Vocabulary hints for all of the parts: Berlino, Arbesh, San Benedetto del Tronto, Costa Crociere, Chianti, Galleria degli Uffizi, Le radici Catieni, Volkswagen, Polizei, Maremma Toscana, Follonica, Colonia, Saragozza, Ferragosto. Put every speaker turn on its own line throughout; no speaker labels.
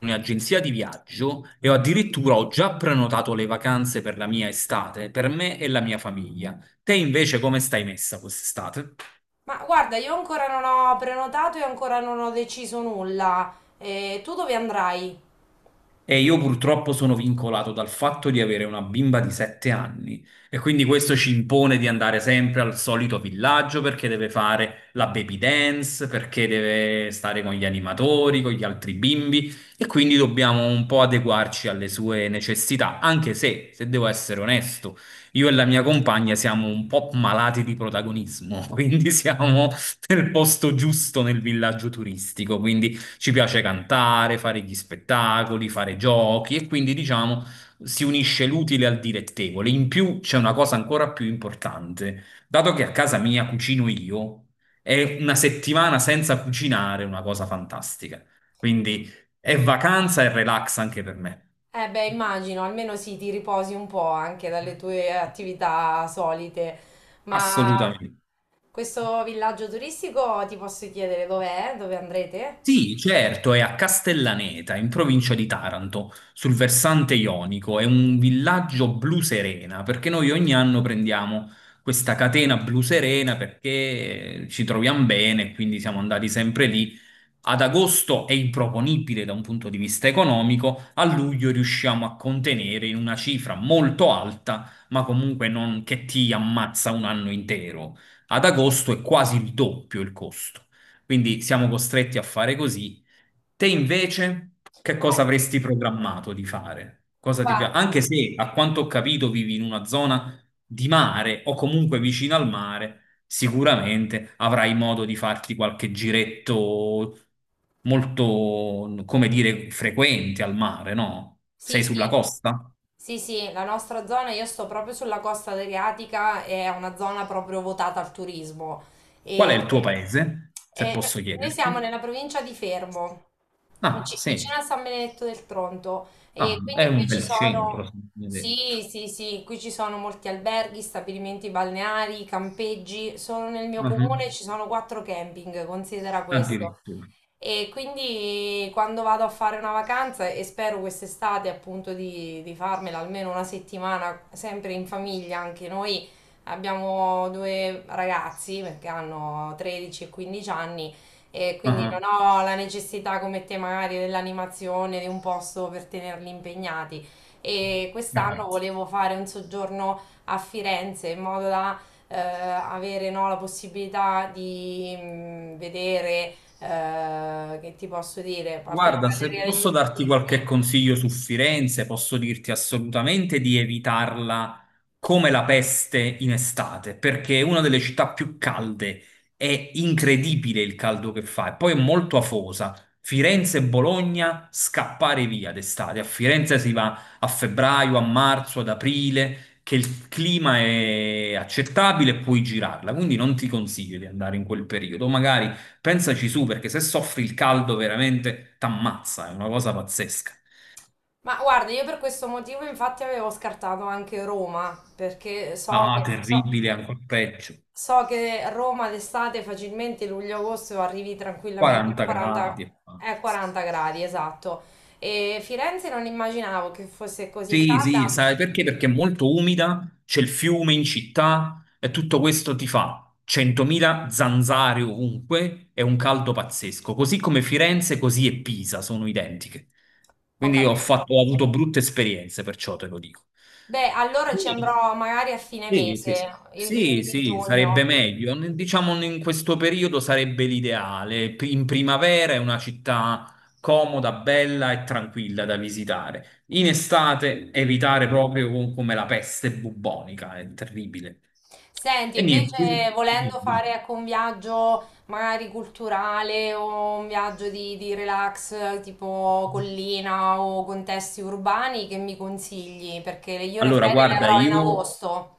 Un'agenzia di viaggio e ho addirittura ho già prenotato le vacanze per la mia estate, per me e la mia famiglia. Te invece come stai messa quest'estate?
Ma guarda, io ancora non ho prenotato e ancora non ho deciso nulla. E tu dove andrai?
E io purtroppo sono vincolato dal fatto di avere una bimba di sette anni e quindi questo ci impone di andare sempre al solito villaggio perché deve fare la baby dance, perché deve stare con gli animatori, con gli altri bimbi e quindi dobbiamo un po' adeguarci alle sue necessità, anche se, se devo essere onesto, io e la mia compagna siamo un po' malati di protagonismo, quindi siamo nel posto giusto nel villaggio turistico, quindi ci piace cantare, fare gli spettacoli, fare giochi e quindi diciamo si unisce l'utile al dilettevole. In più c'è una cosa ancora più importante. Dato che a casa mia cucino io, è una settimana senza cucinare una cosa fantastica. Quindi è vacanza e relax anche per me.
Eh beh, immagino, almeno sì, ti riposi un po' anche dalle tue attività solite. Ma
Assolutamente.
questo villaggio turistico ti posso chiedere dov'è? Dove andrete?
Sì, certo, è a Castellaneta, in provincia di Taranto, sul versante ionico. È un villaggio blu serena, perché noi ogni anno prendiamo questa catena blu serena perché ci troviamo bene, quindi siamo andati sempre lì. Ad agosto è improponibile da un punto di vista economico, a luglio riusciamo a contenere in una cifra molto alta, ma comunque non che ti ammazza un anno intero. Ad agosto è quasi il doppio il costo. Quindi siamo costretti a fare così. Te invece, che cosa
Eh,
avresti programmato di fare? Cosa ti
guarda.
piace? Anche se, a quanto ho capito, vivi in una zona di mare o comunque vicino al mare. Sicuramente avrai modo di farti qualche giretto molto, come dire, frequente al mare, no?
Sì,
Sei sulla
sì.
costa?
Sì, sì, la nostra zona, io sto proprio sulla costa adriatica, è una zona proprio votata al turismo.
Qual è
E,
il tuo paese, se
e
posso
noi siamo
chiederti?
nella provincia di Fermo,
Ah, sì.
vicino a San Benedetto del Tronto,
Ah,
e
è
quindi qui
un
ci
bel centro, se
sono,
mi hai detto.
sì, sì, sì, qui ci sono molti alberghi, stabilimenti balneari, campeggi. Solo nel mio
Mhm.
comune ci sono quattro camping, considera questo.
Addirittura.
E quindi quando vado a fare una vacanza e spero quest'estate appunto di farmela almeno una settimana, sempre in famiglia, anche noi abbiamo due ragazzi perché hanno 13 e 15 anni e quindi
Ah,
non ho la necessità come te magari dell'animazione, di un posto per tenerli impegnati. E quest'anno
chiaro.
volevo fare un soggiorno a Firenze in modo da avere no, la possibilità di vedere che ti posso dire? A parte la
Guarda, se
Galleria degli
posso darti qualche
Uffizi.
consiglio su Firenze, posso dirti assolutamente di evitarla come la peste in estate, perché è una delle città più calde, è incredibile il caldo che fa e poi è molto afosa. Firenze e Bologna, scappare via d'estate. A Firenze si va a febbraio, a marzo, ad aprile, che il clima è accettabile e puoi girarla, quindi non ti consiglio di andare in quel periodo, magari pensaci su, perché se soffri il caldo veramente t'ammazza, è una cosa pazzesca.
Ma guarda, io per questo motivo infatti avevo scartato anche Roma, perché so
Ah,
che, so,
terribile, ancora peggio.
so che Roma d'estate facilmente luglio-agosto arrivi tranquillamente a
40
40,
gradi. Ammazza.
40 gradi, esatto. E Firenze non immaginavo che fosse così
Sì, sì,
calda,
sai perché? Perché è molto umida, c'è il fiume in città e tutto questo ti fa 100.000 zanzare ovunque e un caldo pazzesco, così come Firenze, così e Pisa sono identiche.
ho
Quindi
capito.
ho avuto brutte esperienze, perciò te lo dico.
Beh, allora ci
E-
andrò magari a fine
sì, sì, sì,
mese, i primi
sì,
di
sì, sarebbe
giugno.
meglio. Diciamo in questo periodo sarebbe l'ideale. In primavera è una città comoda, bella e tranquilla da visitare. In estate evitare proprio come la peste bubbonica, è terribile.
Senti,
E niente,
invece
quindi-
volendo fare ecco, un viaggio magari culturale o un viaggio di relax tipo collina o contesti urbani, che mi consigli? Perché io le
allora
ferie le
guarda,
avrò in
io
agosto.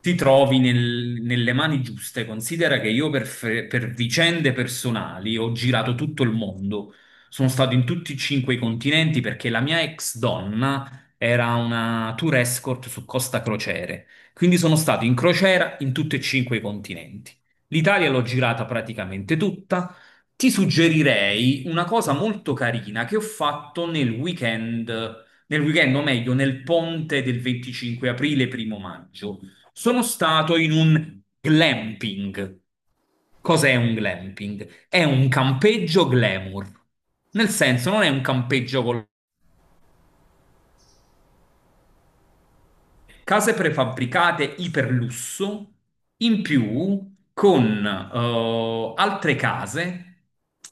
ti trovi nelle mani giuste. Considera che io per, per vicende personali ho girato tutto il mondo. Sono stato in tutti e cinque i continenti perché la mia ex donna era una tour escort su Costa Crociere. Quindi sono stato in crociera in tutti e cinque i continenti. L'Italia l'ho girata praticamente tutta. Ti suggerirei una cosa molto carina che ho fatto nel weekend, o meglio, nel ponte del 25 aprile, primo maggio. Sono stato in un glamping. Cos'è un glamping? È un campeggio glamour. Nel senso, non è un campeggio con case prefabbricate iperlusso, in più con altre case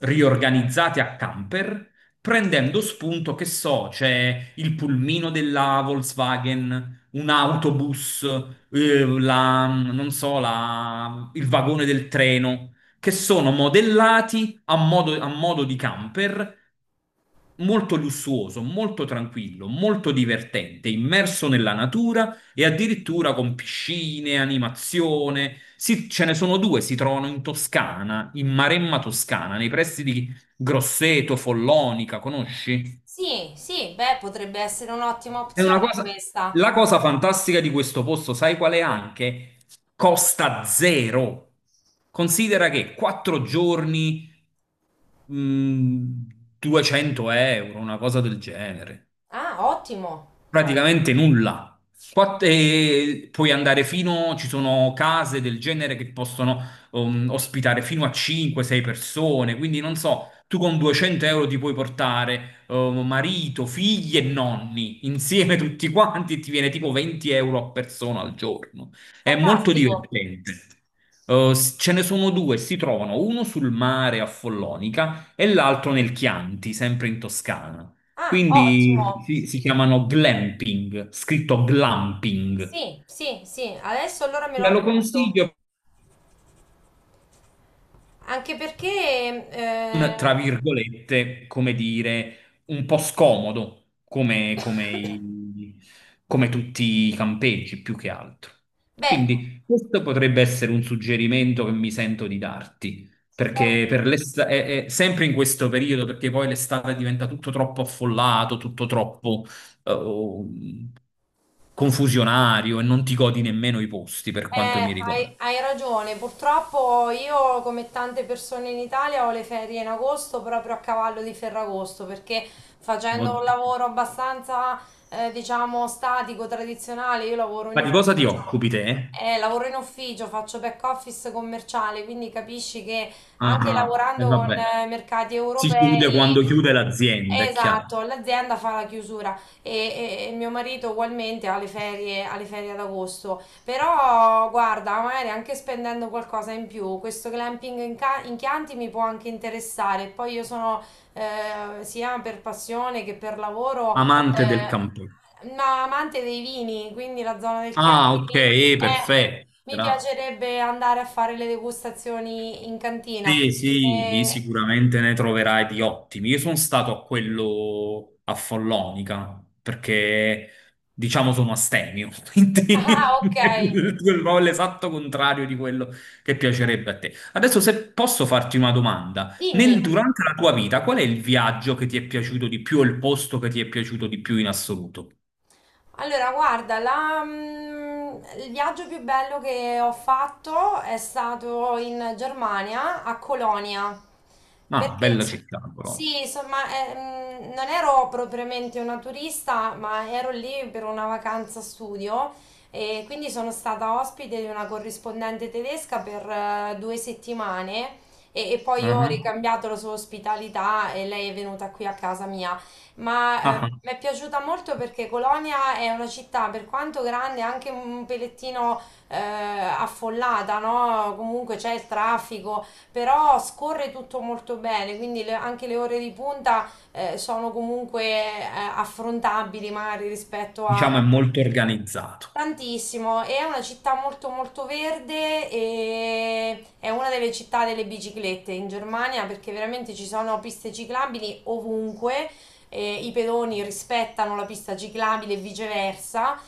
riorganizzate a camper, prendendo spunto, che so, c'è il pulmino della Volkswagen, un autobus, non so, il vagone del treno, che sono modellati a modo di camper molto lussuoso, molto tranquillo, molto divertente, immerso nella natura e addirittura con piscine, animazione. Ce ne sono due, si trovano in Toscana, in Maremma Toscana, nei pressi di Grosseto, Follonica, conosci?
Sì, sì, beh, potrebbe essere un'ottima
È una
opzione
cosa,
questa.
la cosa fantastica di questo posto, sai qual è anche? Costa zero. Considera che quattro giorni, mh, 200 euro, una cosa del genere.
Ah, ottimo,
Praticamente nulla. E puoi andare fino, ci sono case del genere che possono ospitare fino a 5-6 persone, quindi non so, tu con 200 € ti puoi portare marito, figli e nonni insieme tutti quanti e ti viene tipo 20 € a persona al giorno. È molto
fantastico.
divertente. Ce ne sono due, si trovano uno sul mare a Follonica e l'altro nel Chianti, sempre in Toscana.
Ah, ottimo.
Quindi si chiamano glamping, scritto glamping.
Sì, sì, sì, adesso allora me lo
Te lo
appunto.
consiglio,
Anche perché...
un, tra
eh,
virgolette, come dire, un po' scomodo, come, come tutti i campeggi più che altro.
Beh.
Quindi questo potrebbe essere un suggerimento che mi sento di darti,
Beh.
perché per è sempre in questo periodo, perché poi l'estate diventa tutto troppo affollato, tutto troppo eh, confusionario e non ti godi nemmeno i posti per quanto mi riguarda.
Hai ragione, purtroppo io come tante persone in Italia ho le ferie in agosto proprio a cavallo di Ferragosto perché facendo un
Oddio.
lavoro abbastanza diciamo statico, tradizionale, io lavoro
Ma
in
di cosa
ufficio,
ti occupi
diciamo,
te?
faccio back office commerciale, quindi capisci che anche
Ah, e
lavorando con
vabbè.
mercati
Si chiude
europei.
quando chiude l'azienda, è chiaro.
Esatto, l'azienda fa la chiusura e mio marito ugualmente ha le ferie ad agosto. Però guarda, magari anche spendendo qualcosa in più, questo glamping in Chianti mi può anche interessare. Poi io sono sia per passione che per lavoro
Amante del campo.
ma amante dei vini, quindi la zona del
Ah,
Chianti
ok, perfetto.
mi piacerebbe andare a fare le degustazioni in cantina.
Sì, sì,
Eh,
sicuramente ne troverai di ottimi. Io sono stato a quello a Follonica perché, diciamo, sono astemio,
ah,
quindi
ok,
proprio l'esatto contrario di quello che piacerebbe a te. Adesso, se posso farti una domanda,
dimmi.
durante la tua vita, qual è il viaggio che ti è piaciuto di più o il posto che ti è piaciuto di più in assoluto?
Allora, guarda, il viaggio più bello che ho fatto è stato in Germania, a Colonia,
Ah,
perché
bella città, però.
sì, insomma, non ero propriamente una turista, ma ero lì per una vacanza studio e quindi sono stata ospite di una corrispondente tedesca per 2 settimane e poi ho
Mhm.
ricambiato la sua ospitalità e lei è venuta qui a casa mia ma
Ah, ah.
mi è piaciuta molto perché Colonia è una città, per quanto grande, anche un pelettino affollata, no? Comunque c'è il traffico, però scorre tutto molto bene, quindi anche le ore di punta sono comunque affrontabili magari rispetto a.
Diciamo è molto organizzato.
Tantissimo, è una città molto molto verde e è una delle città delle biciclette in Germania perché veramente ci sono piste ciclabili ovunque, i pedoni rispettano la pista ciclabile e viceversa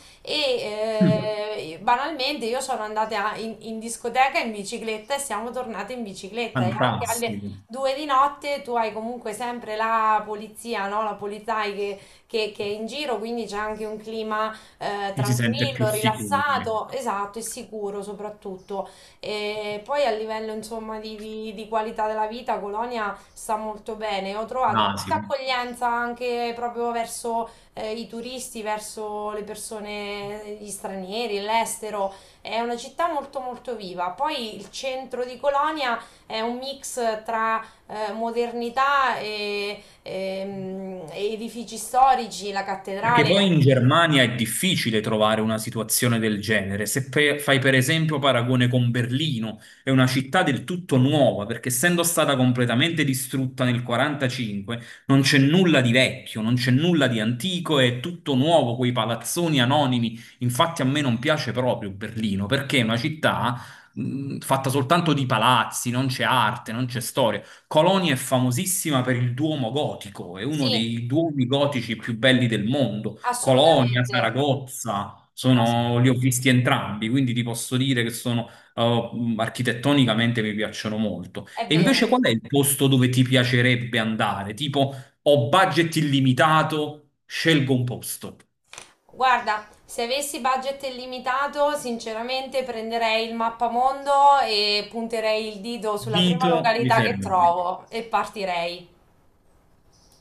Mm.
e banalmente io sono andata in discoteca in bicicletta e siamo tornate in bicicletta e anche alle
Fantastico.
2 di notte tu hai comunque sempre la polizia, no? La Polizei che è in giro, quindi c'è anche un clima
Ci si sente più
tranquillo,
sicuri,
rilassato,
ecco.
esatto, e sicuro soprattutto. E poi a livello insomma di qualità della vita, Colonia sta molto bene. Ho trovato
Ah, sì.
molta accoglienza anche proprio verso i turisti, verso le persone, gli stranieri, l'estero. È una città molto molto viva. Poi il centro di Colonia è un mix tra modernità e edifici storici, la
Perché
cattedrale.
poi in Germania è difficile trovare una situazione del genere. Se fai per esempio paragone con Berlino, è una città del tutto nuova, perché essendo stata completamente distrutta nel 45, non c'è nulla di vecchio, non c'è nulla di antico, è tutto nuovo, quei palazzoni anonimi. Infatti a me non piace proprio Berlino, perché è una città fatta soltanto di palazzi, non c'è arte, non c'è storia. Colonia è famosissima per il Duomo gotico, è
Sì.
uno dei duomi gotici più belli del mondo. Colonia,
Assolutamente.
Saragozza,
Ass-
li ho visti entrambi, quindi ti posso dire che sono, architettonicamente mi piacciono molto.
È
E
vero.
invece qual è il posto dove ti piacerebbe andare? Tipo, ho budget illimitato, scelgo un posto.
Guarda, se avessi budget illimitato, sinceramente prenderei il mappamondo e punterei il dito sulla prima
Dito, mi
località che
fermo. Qui.
trovo e partirei.